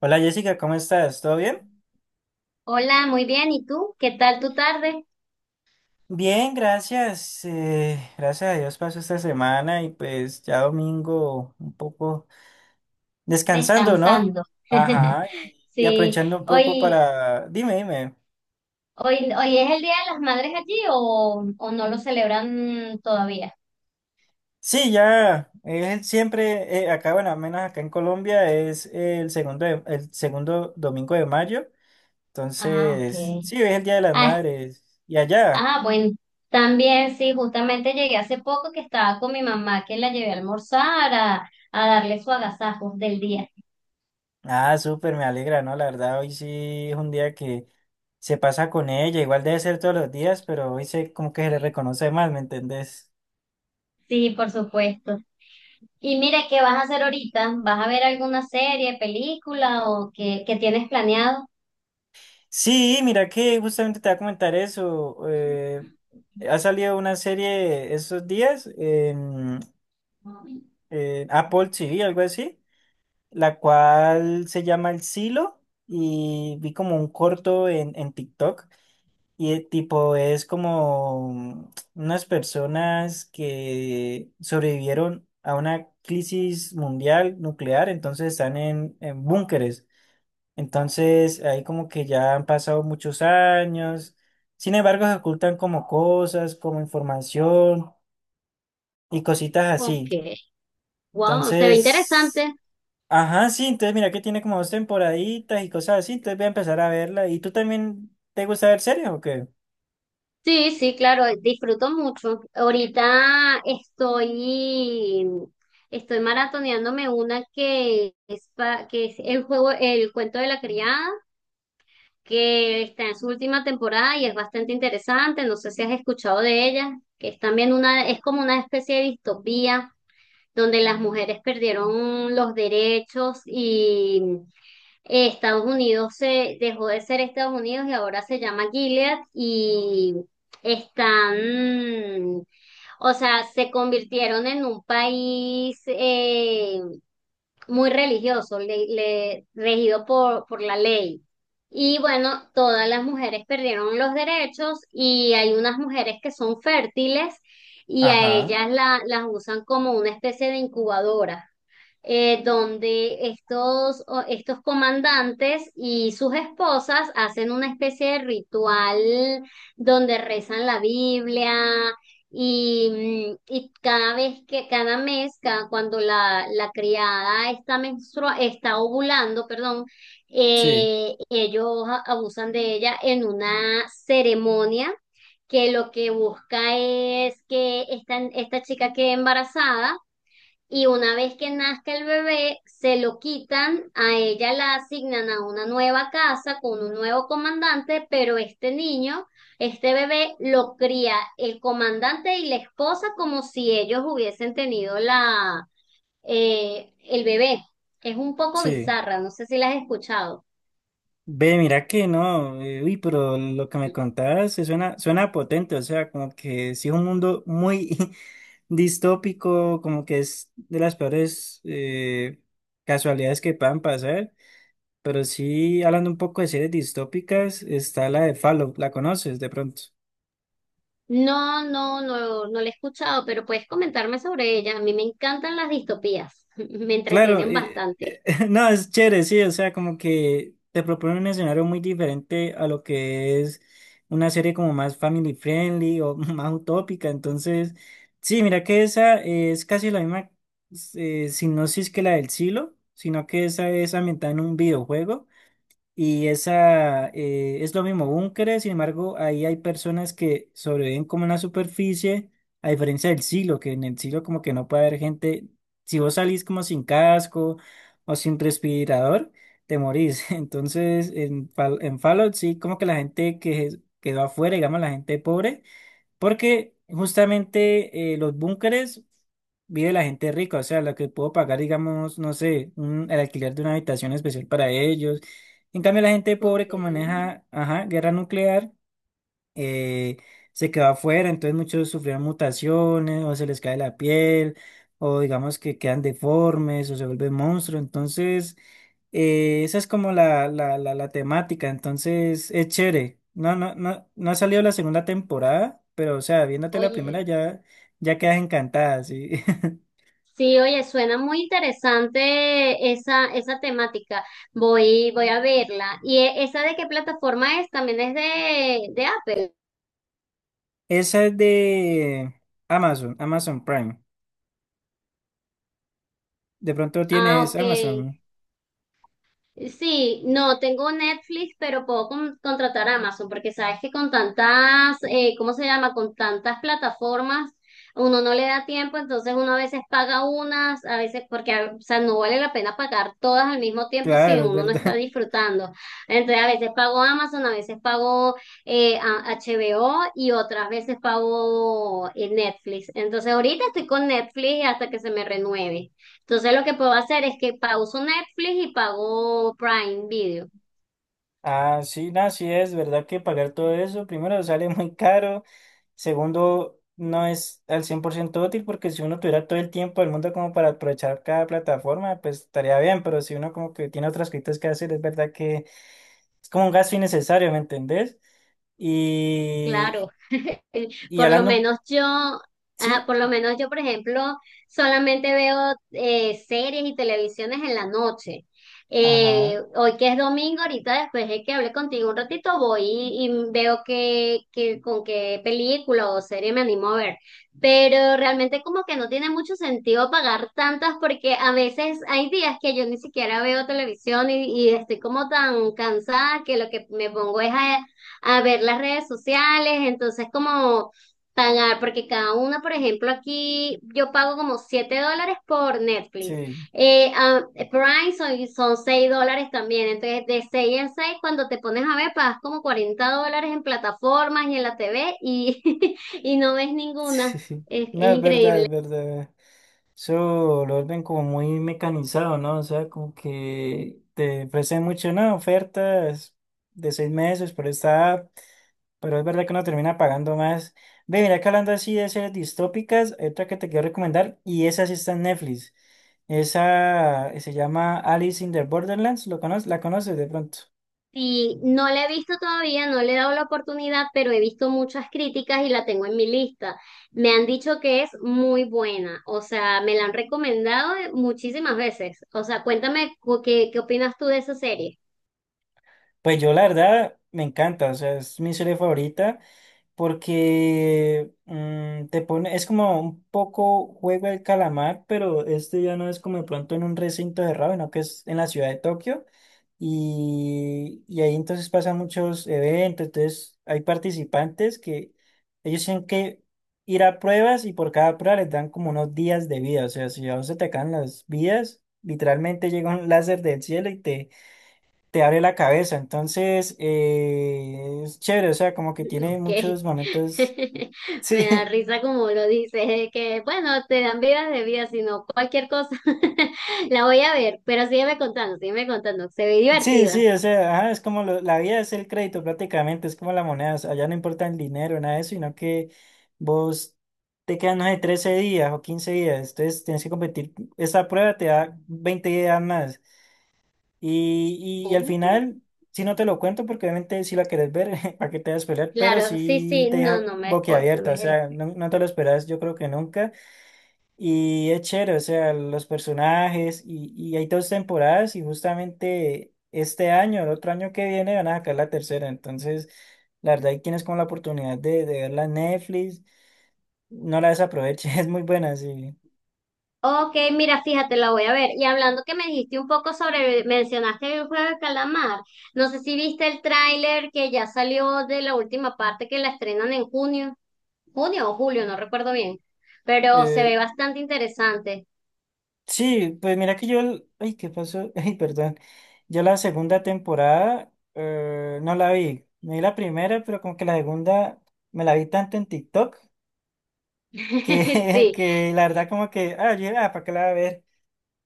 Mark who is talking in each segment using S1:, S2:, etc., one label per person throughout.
S1: Hola Jessica, ¿cómo estás? ¿Todo bien?
S2: Hola, muy bien. ¿Y tú? ¿Qué tal tu tarde?
S1: Bien, gracias. Gracias a Dios pasó esta semana y pues ya domingo un poco descansando, ¿no?
S2: Descansando.
S1: Ajá, y
S2: Sí,
S1: aprovechando un poco
S2: hoy,
S1: para. Dime, dime.
S2: hoy es el Día de las Madres allí o no lo celebran todavía.
S1: Sí, ya, siempre, acá, bueno, al menos acá en Colombia es el segundo domingo de mayo.
S2: Ah, ok.
S1: Entonces, sí, es el Día de las
S2: Ah,
S1: Madres. ¿Y allá?
S2: bueno, también sí, justamente llegué hace poco que estaba con mi mamá que la llevé a almorzar a darle su agasajo del día.
S1: Ah, súper, me alegra, ¿no? La verdad, hoy sí es un día que se pasa con ella, igual debe ser todos los días, pero hoy se como que se le reconoce más, ¿me entendés?
S2: Sí, por supuesto. Y mira, ¿qué vas a hacer ahorita? ¿Vas a ver alguna serie, película o qué tienes planeado?
S1: Sí, mira que justamente te voy a comentar eso. Ha salido una serie esos días en Apple TV, algo así, la cual se llama El Silo y vi como un corto en TikTok. Y tipo es como unas personas que sobrevivieron a una crisis mundial nuclear, entonces están en búnkeres. Entonces ahí como que ya han pasado muchos años. Sin embargo, se ocultan como cosas, como información y cositas así.
S2: Ok. Wow, se ve
S1: Entonces,
S2: interesante.
S1: ajá, sí, entonces mira que tiene como dos temporaditas y cosas así, entonces voy a empezar a verla. ¿Y tú también te gusta ver series o qué?
S2: Sí, sí, claro, disfruto mucho. Estoy maratoneándome una que es, que es el juego, el cuento de la criada, que está en su última temporada y es bastante interesante. No sé si has escuchado de ella, que es también una, es como una especie de distopía donde las mujeres perdieron los derechos. Estados Unidos se dejó de ser Estados Unidos y ahora se llama Gilead y están, o sea, se convirtieron en un país muy religioso, regido por la ley. Y bueno, todas las mujeres perdieron los derechos y hay unas mujeres que son fértiles y a
S1: Ajá,
S2: ellas las usan como una especie de incubadora, donde estos comandantes y sus esposas hacen una especie de ritual donde rezan la Biblia y, y cada mes, cuando la criada está ovulando, perdón,
S1: sí,
S2: ellos abusan de ella en una ceremonia que lo que busca es que esta chica quede embarazada y una vez que nazca el bebé, se lo quitan, a ella la asignan a una nueva casa con un nuevo comandante, pero este niño, este bebé, lo cría el comandante y la esposa como si ellos hubiesen tenido el bebé. Es un poco
S1: sí.
S2: bizarra, no sé si la has escuchado.
S1: Ve, mira que no, uy, pero lo que me contabas suena potente, o sea, como que sí es un mundo muy distópico, como que es de las peores casualidades que puedan pasar, pero sí, hablando un poco de series distópicas, está la de Fallout, ¿la conoces de pronto?
S2: No, no la he escuchado, pero puedes comentarme sobre ella. A mí me encantan las distopías, me
S1: Claro,
S2: entretienen bastante.
S1: no, es chévere, sí, o sea, como que te propone un escenario muy diferente a lo que es una serie como más family friendly o más utópica, entonces, sí, mira que esa es casi la misma sinopsis que la del Silo, sino que esa es ambientada en un videojuego. Y esa es lo mismo, búnkeres, sin embargo, ahí hay personas que sobreviven como en la superficie, a diferencia del silo, que en el silo como que no puede haber gente, si vos salís como sin casco o sin respirador, te morís. Entonces, en Fallout sí, como que la gente que quedó afuera, digamos la gente pobre, porque justamente los búnkeres vive la gente rica, o sea, la que puedo pagar, digamos, no sé, el alquiler de una habitación especial para ellos. En cambio, la gente pobre,
S2: Ok.
S1: como maneja, ajá, guerra nuclear eh, se quedó afuera, entonces muchos sufrieron mutaciones o se les cae la piel o digamos que quedan deformes o se vuelven monstruos, entonces esa es como la temática, entonces es chévere. No, no, no, no ha salido la segunda temporada, pero o sea, viéndote la primera
S2: Oye.
S1: ya, ya quedas encantada, sí.
S2: Sí, oye, suena muy interesante esa temática. Voy a verla. ¿Y esa de qué plataforma es? También es de Apple.
S1: Esa es de Amazon, Amazon Prime. De pronto
S2: Ah,
S1: tienes
S2: ok.
S1: Amazon,
S2: Sí, no, tengo Netflix, pero puedo contratar Amazon, porque sabes que con tantas, ¿cómo se llama? Con tantas plataformas, uno no le da tiempo, entonces uno a veces paga unas, a veces, o sea, no vale la pena pagar todas al mismo tiempo si
S1: claro, es
S2: uno no está
S1: verdad.
S2: disfrutando. Entonces, a veces pago Amazon, a veces pago HBO y otras veces pago Netflix. Entonces, ahorita estoy con Netflix hasta que se me renueve. Entonces lo que puedo hacer es que pauso Netflix y pago Prime Video.
S1: Ah, sí, no, sí es verdad que pagar todo eso, primero sale muy caro, segundo no es al 100% útil porque si uno tuviera todo el tiempo del mundo como para aprovechar cada plataforma, pues estaría bien, pero si uno como que tiene otras cosas que hacer, es verdad que es como un gasto innecesario, ¿me entendés? Y,
S2: Claro.
S1: y
S2: por lo
S1: hablando,
S2: menos yo,
S1: sí,
S2: ajá, por lo menos yo, por ejemplo, solamente veo series y televisiones en la noche.
S1: ajá,
S2: Hoy que es domingo, ahorita después de que hable contigo un ratito, voy y veo que con qué película o serie me animo a ver. Pero realmente como que no tiene mucho sentido pagar tantas porque a veces hay días que yo ni siquiera veo televisión y estoy como tan cansada que lo que me pongo es a ver las redes sociales, entonces como pagar, porque cada uno, por ejemplo, aquí yo pago como $7 por Netflix,
S1: sí,
S2: eh, ah, Prime son $6 también, entonces de 6 en 6 cuando te pones a ver pagas como $40 en plataformas y en la TV y, y no ves ninguna,
S1: sí,
S2: es
S1: no, es verdad,
S2: increíble.
S1: es verdad. Eso lo ven como muy mecanizado, ¿no? O sea, como que te ofrecen mucho, ¿no? Ofertas de seis meses por esta app, pero es verdad que uno termina pagando más. Ve, mira que hablando así de series distópicas, hay otra que te quiero recomendar, y esa sí está en Netflix. Esa se llama Alice in the Borderlands, ¿lo conoces? ¿La conoces de pronto?
S2: Sí, no la he visto todavía, no le he dado la oportunidad, pero he visto muchas críticas y la tengo en mi lista. Me han dicho que es muy buena, o sea, me la han recomendado muchísimas veces. O sea, cuéntame qué opinas tú de esa serie.
S1: Pues yo la verdad me encanta, o sea, es mi serie favorita. Porque te pone, es como un poco juego del calamar, pero este ya no es como de pronto en un recinto cerrado, sino que es en la ciudad de Tokio. Y ahí entonces pasan muchos eventos, entonces hay participantes que ellos tienen que ir a pruebas y por cada prueba les dan como unos días de vida, o sea, si a vos se te caen las vidas, literalmente llega un láser del cielo y te abre la cabeza. Entonces, es chévere, o sea, como que tiene
S2: Ok.
S1: muchos momentos.
S2: Me da
S1: Sí,
S2: risa como lo dices, de que bueno, te dan vidas de vida, sino cualquier cosa. La voy a ver, pero sígueme contando, se ve
S1: sí, sí,
S2: divertida.
S1: o sea, ajá, es como la vida es el crédito prácticamente, es como la moneda, o sea, allá no importa el dinero, nada de eso, sino que vos te quedan, no sé, 13 días o 15 días, entonces tienes que competir. Esta prueba te da 20 días más. Y, y al
S2: Oh.
S1: final, si no te lo cuento, porque obviamente si la querés ver, para que te vas a esperar, pero
S2: Claro, sí,
S1: sí
S2: sí,
S1: te
S2: no,
S1: deja
S2: no me spoil, no
S1: boquiabierta, o
S2: me.
S1: sea, no, no te lo esperas, yo creo que nunca. Y es chévere, o sea, los personajes y hay dos temporadas y justamente este año, el otro año que viene van a sacar la tercera. Entonces, la verdad, hay quienes con la oportunidad de verla en Netflix, no la desaproveche, es muy buena, sí.
S2: Ok, mira, fíjate, la voy a ver. Y hablando que me dijiste un poco sobre, mencionaste el juego de calamar. No sé si viste el tráiler que ya salió de la última parte que la estrenan en junio, junio o julio, no recuerdo bien, pero se
S1: Eh,
S2: ve bastante interesante.
S1: sí, pues mira que yo, ay, ¿qué pasó? Ay, perdón. Yo la segunda temporada no la vi. Me vi la primera, pero como que la segunda me la vi tanto en TikTok que,
S2: Sí.
S1: que la verdad como que, ah, yo, ah, ¿para qué la voy a ver?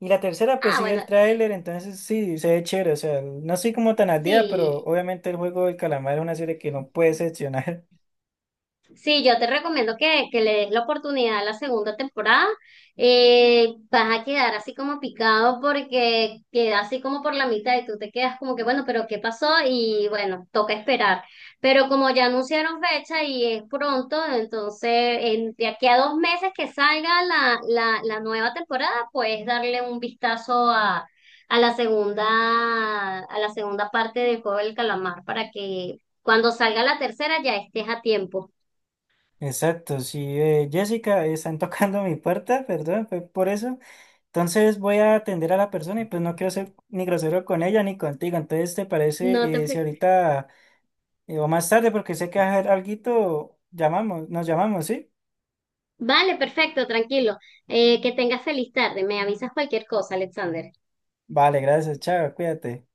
S1: Y la tercera, pues
S2: Ah,
S1: sí vi el
S2: bueno,
S1: tráiler, entonces sí, se ve chévere, o sea, no soy como tan al día, pero
S2: sí.
S1: obviamente el juego del calamar es una serie que no puede excepcionar.
S2: Sí, yo te recomiendo que le des la oportunidad a la segunda temporada. Vas a quedar así como picado porque queda así como por la mitad y tú te quedas como que, bueno, pero ¿qué pasó? Y bueno, toca esperar. Pero como ya anunciaron fecha y es pronto, entonces de aquí a 2 meses que salga la nueva temporada, puedes darle un vistazo a la segunda parte del Juego del Calamar para que cuando salga la tercera ya estés a tiempo.
S1: Exacto, sí, Jessica, están tocando mi puerta, perdón, fue por eso. Entonces voy a atender a la persona y pues no quiero ser ni grosero con ella ni contigo. Entonces, ¿te
S2: No te
S1: parece si
S2: preocupes.
S1: ahorita o más tarde, porque sé que vas a hacer alguito, nos llamamos, ¿sí?
S2: Vale, perfecto, tranquilo. Que tengas feliz tarde. Me avisas cualquier cosa, Alexander.
S1: Vale, gracias, chao, cuídate.